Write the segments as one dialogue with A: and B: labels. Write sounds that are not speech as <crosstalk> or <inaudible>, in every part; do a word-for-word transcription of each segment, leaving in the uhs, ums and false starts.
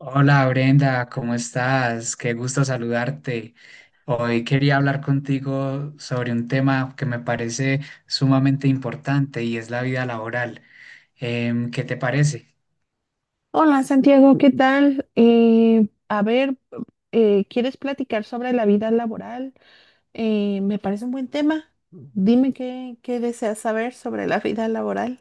A: Hola Brenda, ¿cómo estás? Qué gusto saludarte. Hoy quería hablar contigo sobre un tema que me parece sumamente importante y es la vida laboral. Em, ¿qué te parece?
B: Hola Santiago, ¿qué tal? Eh, a ver, eh, ¿quieres platicar sobre la vida laboral? Eh, me parece un buen tema. Dime qué, qué deseas saber sobre la vida laboral.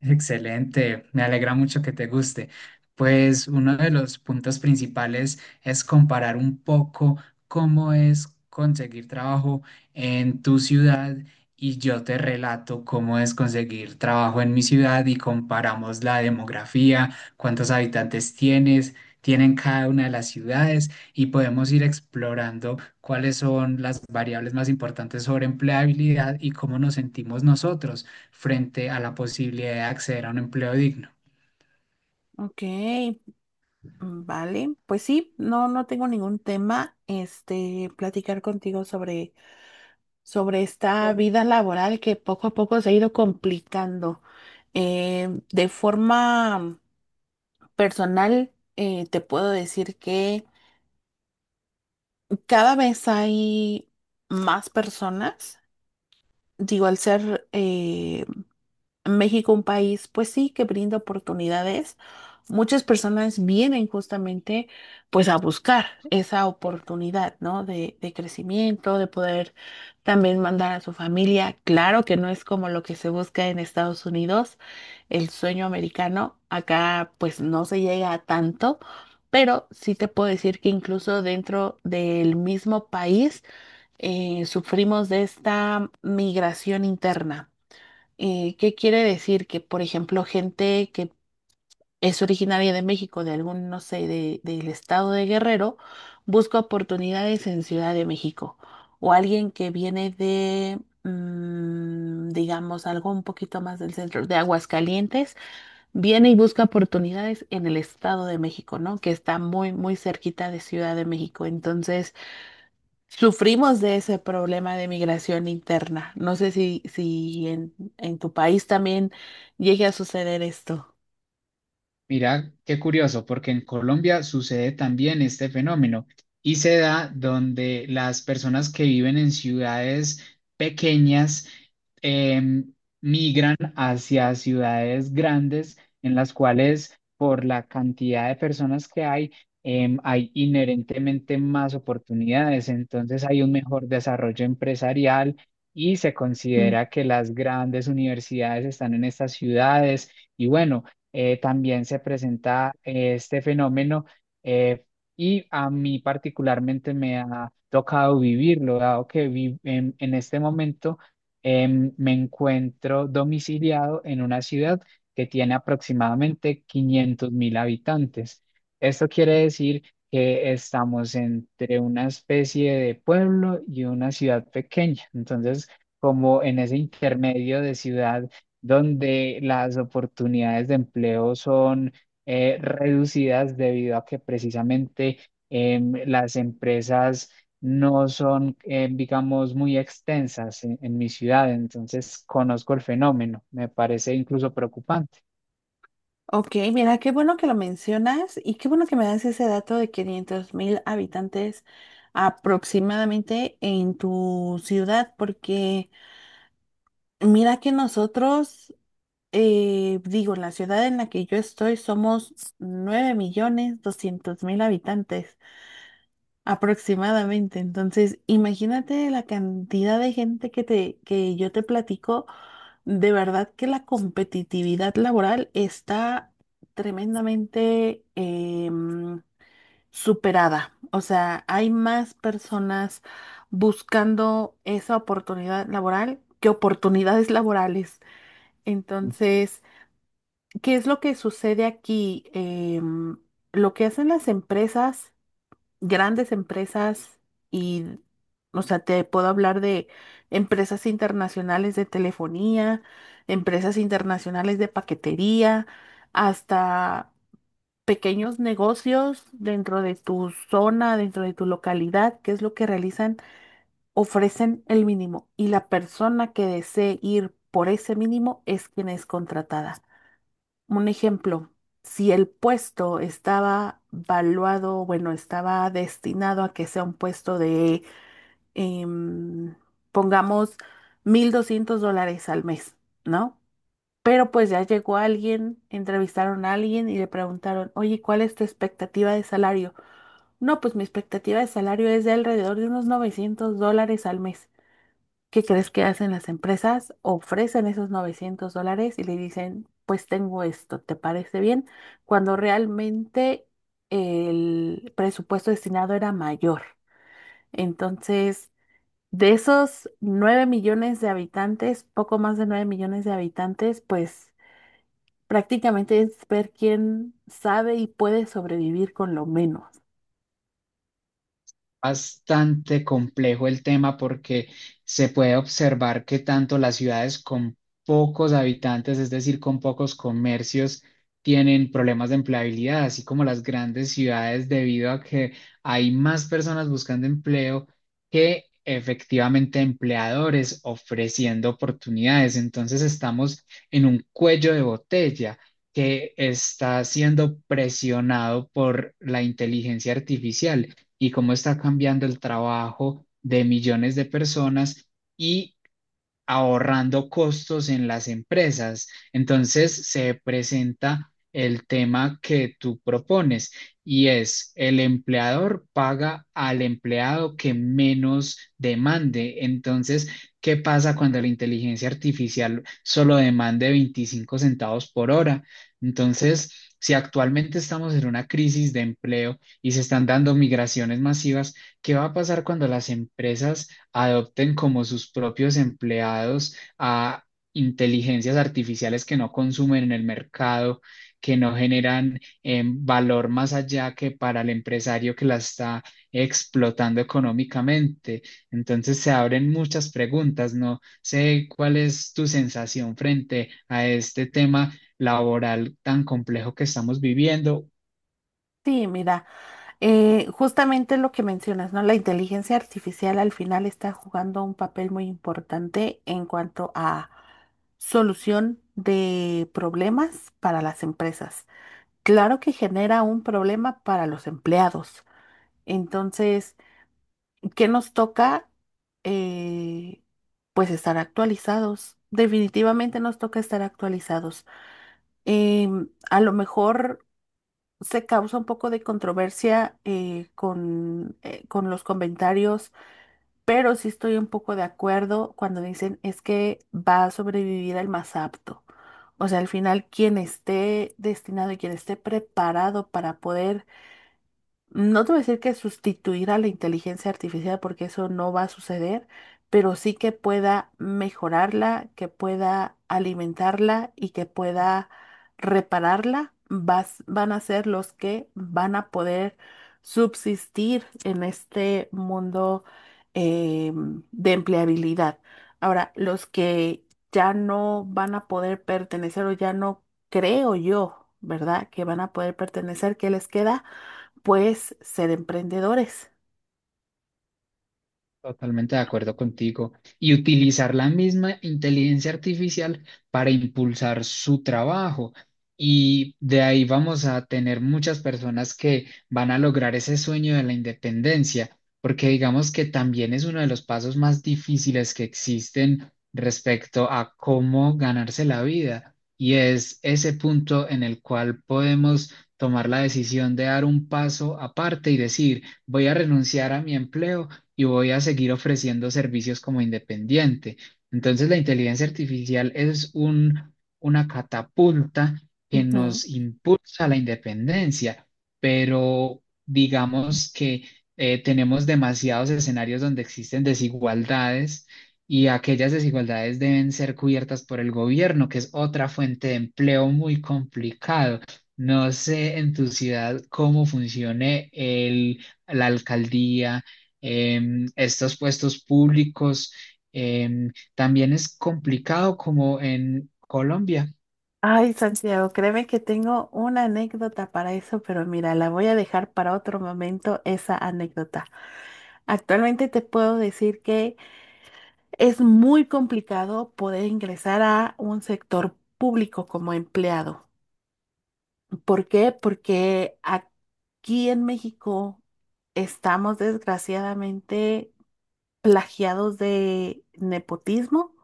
A: Excelente, me alegra mucho que te guste. Pues uno de los puntos principales es comparar un poco cómo es conseguir trabajo en tu ciudad y yo te relato cómo es conseguir trabajo en mi ciudad y comparamos la demografía, cuántos habitantes tienes, tienen cada una de las ciudades y podemos ir explorando cuáles son las variables más importantes sobre empleabilidad y cómo nos sentimos nosotros frente a la posibilidad de acceder a un empleo digno.
B: Ok, mm, vale. Pues sí, no, no tengo ningún tema, este, platicar contigo sobre, sobre esta vida laboral que poco a poco se ha ido complicando. Eh, de forma personal, eh, te puedo decir que cada vez hay más personas, digo, al ser eh, México un país, pues sí, que brinda oportunidades, muchas personas vienen justamente pues a buscar esa oportunidad, ¿no? De, de crecimiento, de poder también mandar a su familia. Claro que no es como lo que se busca en Estados Unidos, el sueño americano, acá pues no se llega a tanto. Pero sí te puedo decir que incluso dentro del mismo país eh, sufrimos de esta migración interna. Eh, ¿qué quiere decir? Que, por ejemplo, gente que es originaria de México, de algún, no sé, de- del estado de Guerrero, busca oportunidades en Ciudad de México. O alguien que viene de, mm, digamos, algo un poquito más del centro, de Aguascalientes, viene y busca oportunidades en el estado de México, ¿no? Que está muy, muy cerquita de Ciudad de México. Entonces, sufrimos de ese problema de migración interna. No sé si, si en, en tu país también llegue a suceder esto.
A: Mira, qué curioso, porque en Colombia sucede también este fenómeno y se da donde las personas que viven en ciudades pequeñas em, migran hacia ciudades grandes en las cuales por la cantidad de personas que hay, em, hay inherentemente más oportunidades, entonces hay un mejor desarrollo empresarial y se
B: Mm.
A: considera que las grandes universidades están en estas ciudades y bueno eh, también se presenta eh, este fenómeno eh, y a mí particularmente me ha tocado vivirlo, dado que vi- en, en este momento em, me encuentro domiciliado en una ciudad que tiene aproximadamente quinientos mil habitantes. Esto quiere decir que estamos entre una especie de pueblo y una ciudad pequeña. Entonces, como en ese intermedio de ciudad donde las oportunidades de empleo son eh, reducidas debido a que precisamente em, las empresas no son, eh, digamos, muy extensas en en mi ciudad. Entonces, conozco el fenómeno. Me parece incluso preocupante.
B: Ok, mira, qué bueno que lo mencionas y qué bueno que me das ese dato de quinientos mil habitantes aproximadamente en tu ciudad, porque mira que nosotros, eh, digo, la ciudad en la que yo estoy somos nueve millones doscientos mil habitantes. Aproximadamente. Entonces, imagínate la cantidad de gente que te, que yo te platico. De verdad que la competitividad laboral está tremendamente em, superada. O sea, hay más personas buscando esa oportunidad laboral que oportunidades laborales. Entonces, ¿qué es lo que sucede aquí? Em, lo que hacen las empresas grandes empresas y, o sea, te puedo hablar de empresas internacionales de telefonía, empresas internacionales de paquetería, hasta pequeños negocios dentro de tu zona, dentro de tu localidad, que es lo que realizan, ofrecen el mínimo y la persona que desee ir por ese mínimo es quien es contratada. Un ejemplo, si el puesto estaba valuado, bueno, estaba destinado a que sea un puesto de, em, pongamos, mil doscientos dólares al mes, ¿no? Pero pues ya llegó alguien, entrevistaron a alguien y le preguntaron, oye, ¿cuál es tu expectativa de salario? No, pues mi expectativa de salario es de alrededor de unos novecientos dólares al mes. ¿Qué crees que hacen las empresas? Ofrecen esos novecientos dólares y le dicen, pues tengo esto, ¿te parece bien? Cuando realmente el presupuesto destinado era mayor. Entonces, de esos nueve millones de habitantes, poco más de nueve millones de habitantes, pues prácticamente es ver quién sabe y puede sobrevivir con lo menos.
A: Bastante complejo el tema porque se puede observar que tanto las ciudades con pocos habitantes, es decir, con pocos comercios, tienen problemas de empleabilidad, así como las grandes ciudades debido a que hay más personas buscando empleo que efectivamente empleadores ofreciendo oportunidades. Entonces estamos en un cuello de botella que está siendo presionado por la inteligencia artificial y cómo está cambiando el trabajo de millones de personas y ahorrando costos en las empresas. Entonces se presenta el tema que tú propones y es el empleador paga al empleado que menos demande. Entonces, ¿qué pasa cuando la inteligencia artificial solo demande veinticinco centavos por hora? Entonces, si actualmente estamos en una crisis de empleo y se están dando migraciones masivas, ¿qué va a pasar cuando las empresas adopten como sus propios empleados a inteligencias artificiales que no consumen en el mercado, que no generan em, valor más allá que para el empresario que la está explotando económicamente? Entonces se abren muchas preguntas. No sé cuál es tu sensación frente a este tema laboral tan complejo que estamos viviendo.
B: Sí, mira. Eh, justamente lo que mencionas, ¿no? La inteligencia artificial al final está jugando un papel muy importante en cuanto a solución de problemas para las empresas. Claro que genera un problema para los empleados. Entonces, ¿qué nos toca? Eh, pues estar actualizados. Definitivamente nos toca estar actualizados. Em, a lo mejor se causa un poco de controversia eh, con, eh, con los comentarios, pero sí estoy un poco de acuerdo cuando dicen es que va a sobrevivir el más apto. O sea, al final, quien esté destinado y quien esté preparado para poder no te voy a decir que sustituir a la inteligencia artificial porque eso no va a suceder, pero sí que pueda mejorarla, que pueda alimentarla y que pueda repararla, vas- van a ser los que van a poder subsistir en este mundo eh, de empleabilidad. Ahora, los que ya no van a poder pertenecer o ya no creo yo, ¿verdad? Que van a poder pertenecer, ¿qué les queda? Pues ser emprendedores.
A: Totalmente de acuerdo contigo. Y utilizar la misma inteligencia artificial para impulsar su trabajo. Y de ahí vamos a tener muchas personas que van a lograr ese sueño de la independencia, porque digamos que también es uno de los pasos más difíciles que existen respecto a cómo ganarse la vida. Y es ese punto en el cual podemos tomar la decisión de dar un paso aparte y decir, voy a renunciar a mi empleo y voy a seguir ofreciendo servicios como independiente. Entonces, la inteligencia artificial es un, una catapulta que
B: Ujú.
A: nos impulsa a la independencia, pero digamos que eh, tenemos demasiados escenarios donde existen desigualdades y aquellas desigualdades deben ser cubiertas por el gobierno, que es otra fuente de empleo muy complicado. No sé en tu ciudad cómo funcione el, la alcaldía em, estos puestos públicos. Em, también es complicado como en Colombia.
B: Ay, Santiago, créeme que tengo una anécdota para eso, pero mira, la voy a dejar para otro momento esa anécdota. Actualmente te puedo decir que es muy complicado poder ingresar a un sector público como empleado. ¿Por qué? Porque aquí en México estamos desgraciadamente plagiados de nepotismo.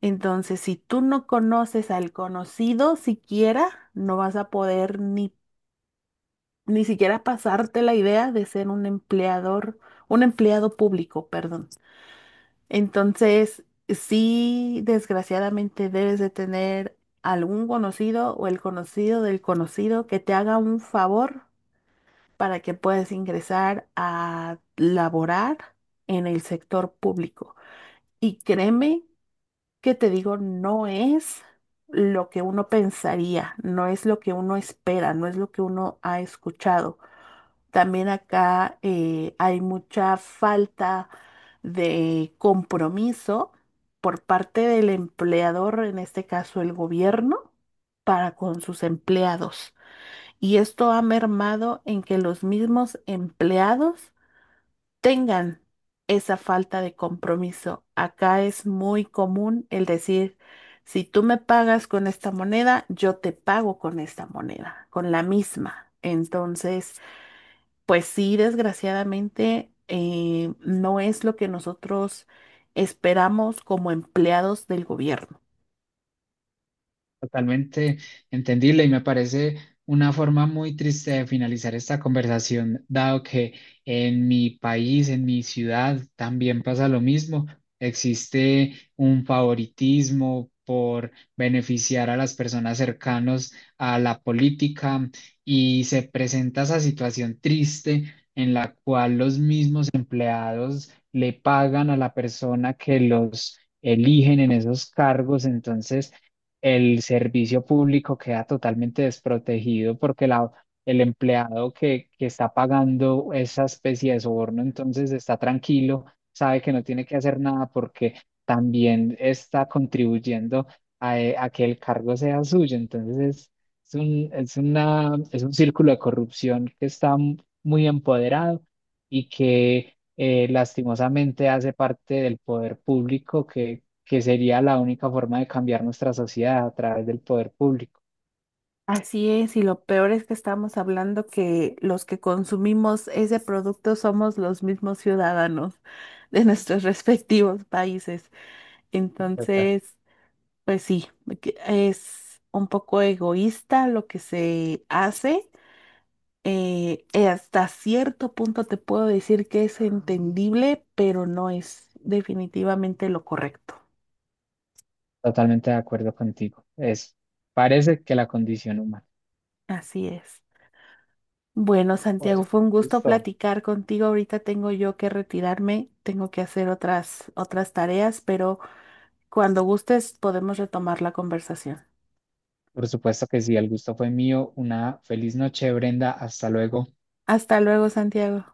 B: Entonces, si tú no conoces al conocido siquiera, no vas a poder ni, ni siquiera pasarte la idea de ser un empleador, un empleado público, perdón. Entonces, sí, desgraciadamente debes de tener algún conocido o el conocido del conocido que te haga un favor para que puedas ingresar a laborar en el sector público. Y créeme que te digo, no es lo que uno pensaría, no es lo que uno espera, no es lo que uno ha escuchado. También acá eh, hay mucha falta de compromiso por parte del empleador, en este caso el gobierno, para con sus empleados. Y esto ha mermado en que los mismos empleados tengan esa falta de compromiso. Acá es muy común el decir, si tú me pagas con esta moneda, yo te pago con esta moneda, con la misma. Entonces, pues sí, desgraciadamente, eh, no es lo que nosotros esperamos como empleados del gobierno.
A: Totalmente entendible y me parece una forma muy triste de finalizar esta conversación, dado que en mi país, en mi ciudad, también pasa lo mismo. Existe un favoritismo por beneficiar a las personas cercanas a la política y se presenta esa situación triste en la cual los mismos empleados le pagan a la persona que los eligen en esos cargos. Entonces, el servicio público queda totalmente desprotegido porque la, el empleado que, que está pagando esa especie de soborno entonces está tranquilo, sabe que no tiene que hacer nada porque también está contribuyendo a, e- a que el cargo sea suyo. Entonces es, es un, es una, es un círculo de corrupción que está m- muy empoderado y que... eh, lastimosamente hace parte del poder público que sería la única forma de cambiar nuestra sociedad a través del poder público.
B: Así es, y lo peor es que estamos hablando que los que consumimos ese producto somos los mismos ciudadanos de nuestros <laughs> respectivos países.
A: Total.
B: Entonces, pues sí, que es un poco egoísta lo que se hace. Eh, eh, hasta cierto punto te puedo decir que es entendible, pero no es definitivamente lo correcto.
A: Totalmente de acuerdo contigo. Es, parece que la condición humana.
B: Así es. Bueno, Santiago,
A: Oye,
B: fue
A: qué
B: un gusto
A: gusto.
B: platicar contigo. Ahorita tengo yo que retirarme, tengo que hacer otras, otras tareas, pero cuando gustes podemos retomar la conversación.
A: Por supuesto que sí, el gusto fue mío. Una feliz noche, Brenda. Hasta luego.
B: Hasta luego, Santiago.